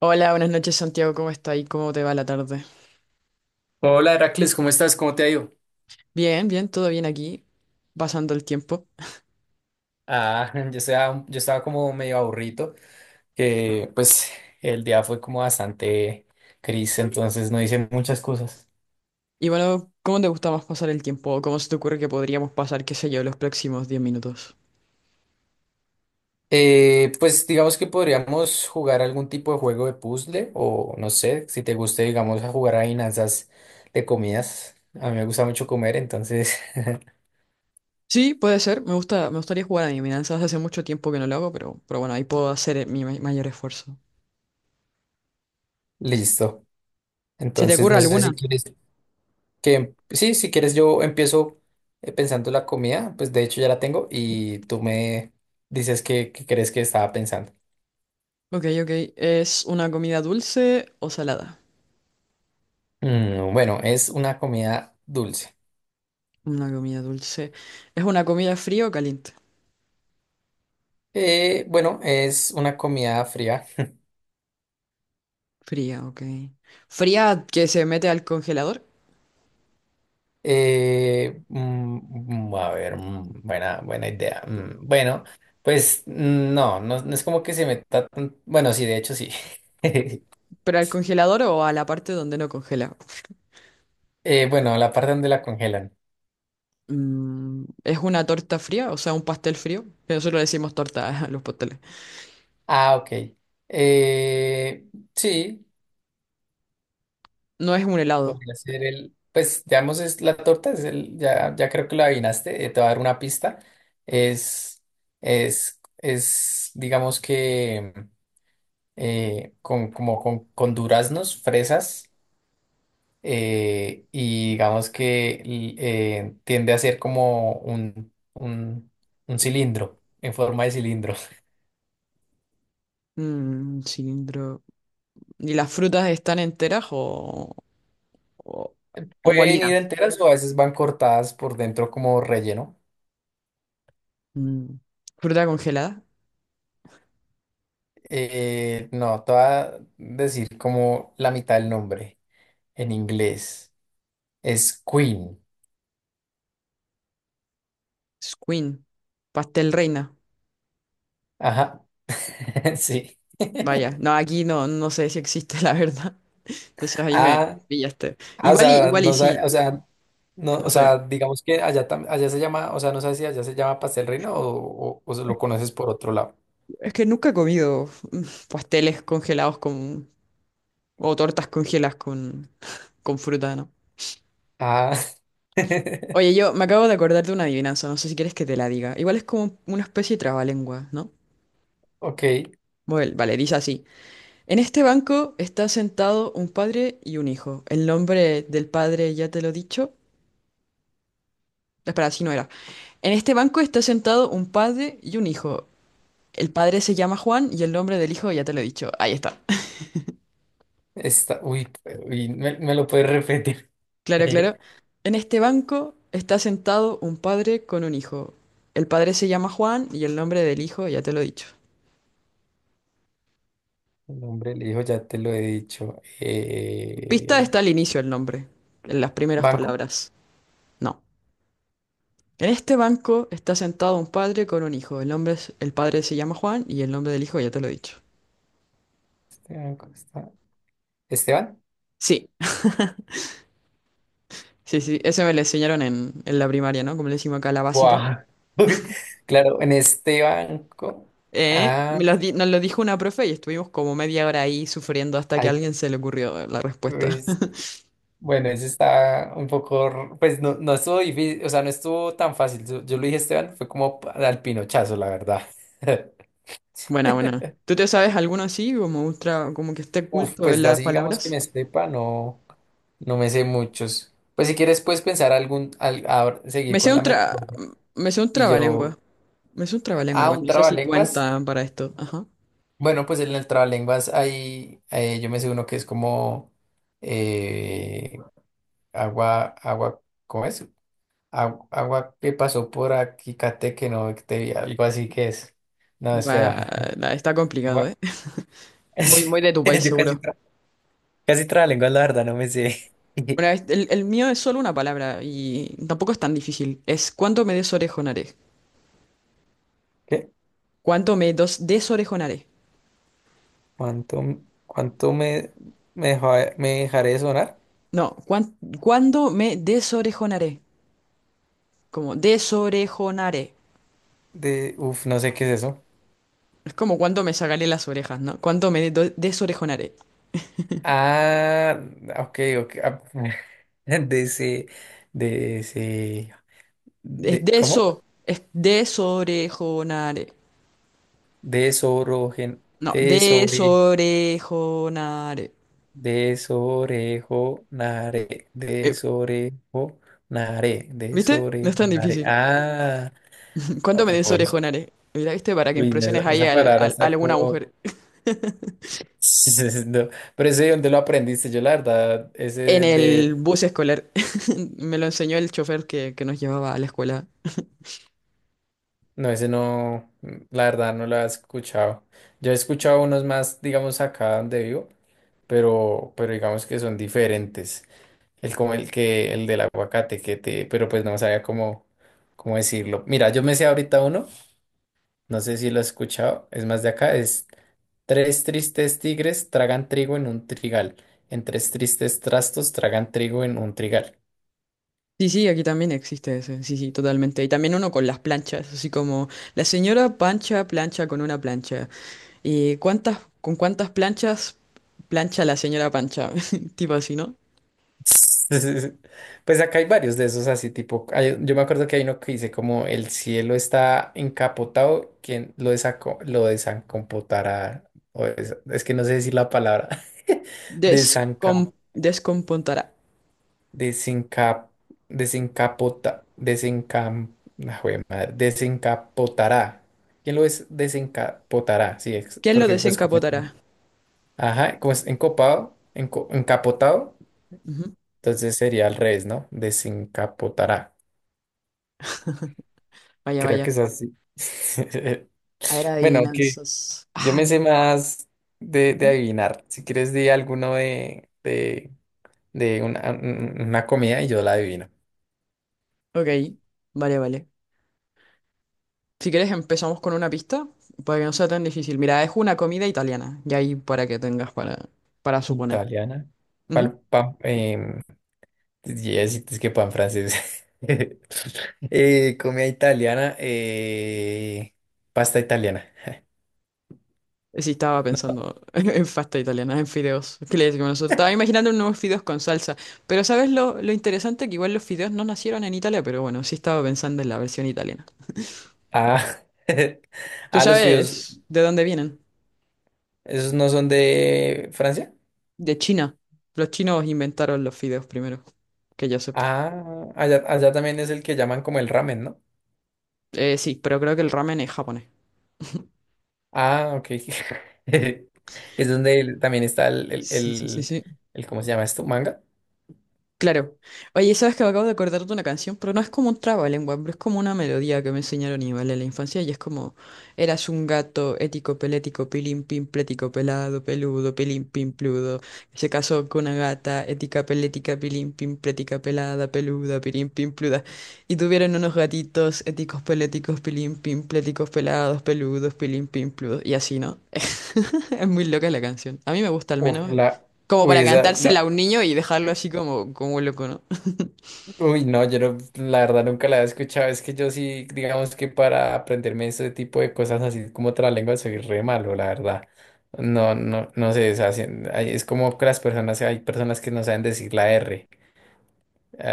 Hola, buenas noches Santiago, ¿cómo está y cómo te va la tarde? Hola Heracles, ¿cómo estás? ¿Cómo te ha ido? Bien, bien, todo bien aquí, pasando el tiempo. Ah, yo estaba como medio aburrido, que pues el día fue como bastante gris, entonces no hice muchas cosas. Y bueno, ¿cómo te gusta más pasar el tiempo? ¿O cómo se te ocurre que podríamos pasar, qué sé yo, los próximos 10 minutos? Pues digamos que podríamos jugar algún tipo de juego de puzzle o no sé, si te guste, digamos, a jugar adivinanzas de comidas. A mí me gusta mucho comer, entonces Sí, puede ser, me gusta, me gustaría jugar a adivinanzas, hace mucho tiempo que no lo hago, pero bueno, ahí puedo hacer mayor esfuerzo. listo. ¿Se te Entonces ocurre no sé si alguna? quieres. Que sí, si quieres yo empiezo, pensando la comida, pues de hecho ya la tengo y tú me dices qué crees que estaba pensando. Ok, ok, ¿es una comida dulce o salada? Bueno, es una comida dulce. Una comida dulce. ¿Es una comida fría o caliente? Bueno, es una comida fría. Fría, ok. ¿Fría que se mete al congelador? A ver, buena idea. Bueno, pues no, no es como que se meta tan... Bueno, sí, de hecho sí. ¿Pero al congelador o a la parte donde no congela? Bueno, la parte donde la congelan. Mm, es una torta fría, o sea, un pastel frío, que nosotros le decimos torta a los pasteles. Ah, ok. Eh, sí. No es un helado. Podría ser el, pues digamos es la torta, es el, ya, ya creo que lo adivinaste, te voy a dar una pista. Es, es, digamos que con, como con duraznos, fresas, y digamos que tiende a ser como un cilindro, en forma de cilindro. Mm, cilindro. ¿Y las frutas están enteras o, o Pueden ir molidas? enteras o a veces van cortadas por dentro como relleno. Mm, ¿fruta congelada? No, te voy a decir como la mitad del nombre en inglés. Es Queen. Squeen. Pastel reina. Ajá, sí. Vaya, no, aquí no, no sé si existe, la verdad. Entonces ahí me Ah, pillaste. ah, o Igual y, sea, igual y sí, o sea, no, o no sé. sea, digamos que allá, allá se llama, o sea, no sé si allá se llama pastel reina o se lo conoces por otro lado. Es que nunca he comido mm, pasteles congelados con o tortas congeladas con fruta, ¿no? Ah, Oye, yo me acabo de acordar de una adivinanza, no sé si quieres que te la diga. Igual es como una especie de trabalengua, ¿no? ok. Bueno, vale, dice así. En este banco está sentado un padre y un hijo. El nombre del padre ya te lo he dicho. Espera, así no era. En este banco está sentado un padre y un hijo. El padre se llama Juan y el nombre del hijo ya te lo he dicho. Ahí está. Está, uy, uy, me lo puedes repetir. Claro, El claro. En este banco está sentado un padre con un hijo. El padre se llama Juan y el nombre del hijo ya te lo he dicho. nombre del hijo, ya te lo he dicho. Pista, está al inicio el nombre, en las primeras ¿Banco? palabras. No. En este banco está sentado un padre con un hijo. El padre se llama Juan y el nombre del hijo ya te lo he dicho. Este banco está. ¿Esteban? Sí, sí, sí. Eso me lo enseñaron en la primaria, ¿no? Como le decimos acá, la básica. Wow. Uy, claro, en este banco. Ah, Nos lo dijo una profe y estuvimos como media hora ahí sufriendo hasta que a ay, alguien se le ocurrió la respuesta. pues, bueno, ese está un poco, pues no, no estuvo difícil, o sea, no estuvo tan fácil. Yo lo dije, Esteban, fue como al pinochazo, la verdad. Buena, buena. ¿Tú te sabes alguno así, como ultra, como que esté Uf, oculto en pues de las así digamos que palabras? me sepa, no, no me sé muchos. Pues si quieres, puedes pensar ahora Me seguir sé con un la tra, metodología. me sé un Y trabalengua. yo, Es un trabalengua ah, igual, un no sé si trabalenguas. cuenta para esto. Ajá. Bueno, pues en el trabalenguas hay, yo me sé uno que es como, eh, agua, agua, ¿cómo es? Agua que pasó por aquí, Cate, que no, algo así que es. No, Va, espera. la- está complicado, Agua. ¿eh? Muy, muy de tu país, Yo casi, seguro. tra casi trabalengua, la verdad, no me sé. Bueno, es- el mío es solo una palabra y tampoco es tan difícil. Es ¿cuánto me desorejonaré? ¿Qué? ¿Cuánto me dos desorejonaré? ¿Cuánto, cuánto me dejaré de sonar? No, cuán- ¿cuándo me desorejonaré? Como desorejonaré. De, uf, no sé qué es eso. Es como cuando me sacaré las orejas, ¿no? ¿Cuánto me do- desorejonaré? Ah, ok. Ah, De ese, de ese, ¿cómo? Es desorejonaré. De No, desorejonaré. Desorejonaré, ¿Viste? No es tan desorejonaré. difícil. Ah, ¿Cuánto me oh, des pues, orejonares? Mira, ¿viste? Para que uy, no, impresiones ahí esa palabra a está alguna como... mujer. No, pero ese, ¿dónde lo aprendiste? Yo la verdad, En ese el de... bus escolar. Me lo enseñó el chofer que nos llevaba a la escuela. No, ese no, la verdad no lo he escuchado. Yo he escuchado unos más, digamos, acá donde vivo, pero digamos que son diferentes. El del aguacate, que te, pero pues no sabía cómo decirlo. Mira, yo me sé ahorita uno. No sé si lo has escuchado, es más de acá, es tres tristes tigres tragan trigo en un trigal, en tres tristes trastos tragan trigo en un trigal. Sí, sí, aquí también existe ese. Sí, sí, totalmente. Y también uno con las planchas, así como la señora Pancha plancha con una plancha. ¿Y cuántas, con cuántas planchas plancha la señora Pancha? Tipo así, ¿no? Pues acá hay varios de esos así tipo, hay, yo me acuerdo que hay uno que dice como el cielo está encapotado, lo desancopotará, es que no sé decir la palabra, desanca. Descom- descompontará. Desencap, desencapota, desencam, ah, jue madre, desencapotará. ¿Quién lo es? Desencapotará, sí, ¿Quién lo porque pues como está. desencapotará? Ajá, como es encapotado, Ujú. entonces sería al revés, ¿no? Desencapotará. Vaya, Creo que vaya. es así. A ver, Bueno, aunque adivinanzas. yo Ah, me sé más de ujú. adivinar. Si quieres, di alguno de una comida y yo la adivino. Ok, vale, vale. Si quieres empezamos con una pista para que no sea tan difícil. Mira, es una comida italiana y ahí para que tengas para suponer. Italiana. Ujú. Pal, pan, em, yes, es que pan francés. Comida italiana. Pasta italiana. Sí, estaba pensando en pasta italiana, en fideos. ¿Qué le decimos nosotros? Estaba imaginando unos fideos con salsa. Pero ¿sabes lo interesante? Que igual los fideos no nacieron en Italia, pero bueno, sí estaba pensando en la versión italiana. Ah, ¿Tú ah, los fideos, sabes de dónde vienen? ¿esos no son de Francia? De China. Los chinos inventaron los fideos primero, que yo sepa. Ah, allá también es el que llaman como el ramen, ¿no? Sí, pero creo que el ramen es japonés. Ah, ok. Es donde también está Sí, sí, sí, sí. ¿Cómo se llama esto? ¿Manga? Claro. Oye, sabes que me acabo de acordar de una canción, pero no es como un trabalengua, pero es como una melodía que me enseñaron igual en la infancia y es como eras un gato ético, pelético, pilín, pin, plético, pelado, peludo, pilín, pin, pludo. Se casó con una gata ética, pelética, pilín, pin, plética, pelada, peluda, pilín, pin, pluda. Y tuvieron unos gatitos éticos, peléticos, pilín, pin, pléticos, pelados, peludos, pilín, pin, pludo. Y así, ¿no? Es muy loca la canción. A mí me gusta al Uf, menos. la, Como uy, para cantársela a un niño y dejarlo así como, como loco, ¿no? uy, no, yo no, la verdad nunca la he escuchado. Es que yo sí, digamos que para aprenderme ese tipo de cosas así como otra lengua soy re malo, la verdad. No sé, o sea, ay, es como que las personas, hay personas que no saben decir la R,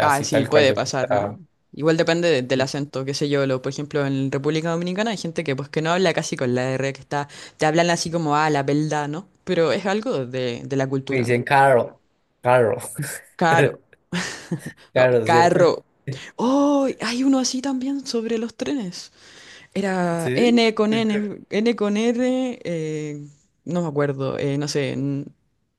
Ah, sí, tal cual puede yo me pasar, ¿no? trabo. Igual depende de- del Sí. acento, qué sé yo, lo, por ejemplo, en República Dominicana hay gente que pues que no habla casi con la R, que está, te hablan así como, ah, la verdad, ¿no? Pero es algo de la Me cultura, ¿no? dicen Carol, Caro, no, Carol, ¿cierto? carro. Oh, hay uno así también sobre los trenes. Era Sí. N con N, N con R, no me acuerdo, no sé, n-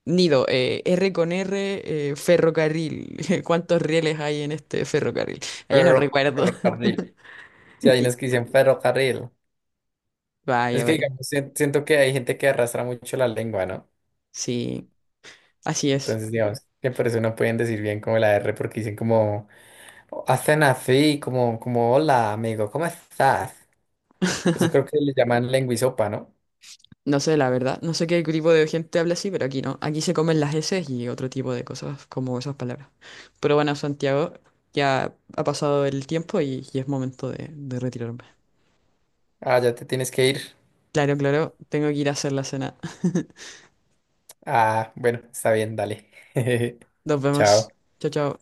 nido, R con R, ferrocarril. ¿Cuántos rieles hay en este ferrocarril? Ah, yo no recuerdo. Ferrocarril. Sí, hay unos que dicen ferrocarril. Es Vaya, que, vaya. digamos, siento que hay gente que arrastra mucho la lengua, ¿no? Sí, así es. Entonces, digamos, que por eso no pueden decir bien como la R, porque dicen como, "Oh, hacen así, como, como, hola, amigo, ¿cómo estás?" Eso creo que le llaman lenguisopa, ¿no? No sé, la verdad. No sé qué tipo de gente habla así, pero aquí no. Aquí se comen las heces y otro tipo de cosas como esas palabras. Pero bueno, Santiago, ya ha pasado el tiempo y es momento de retirarme. Ah, ya te tienes que ir. Claro, claro, tengo que ir a hacer la cena. Ah, bueno, está bien, dale. Nos Chao. vemos. Chao, chao.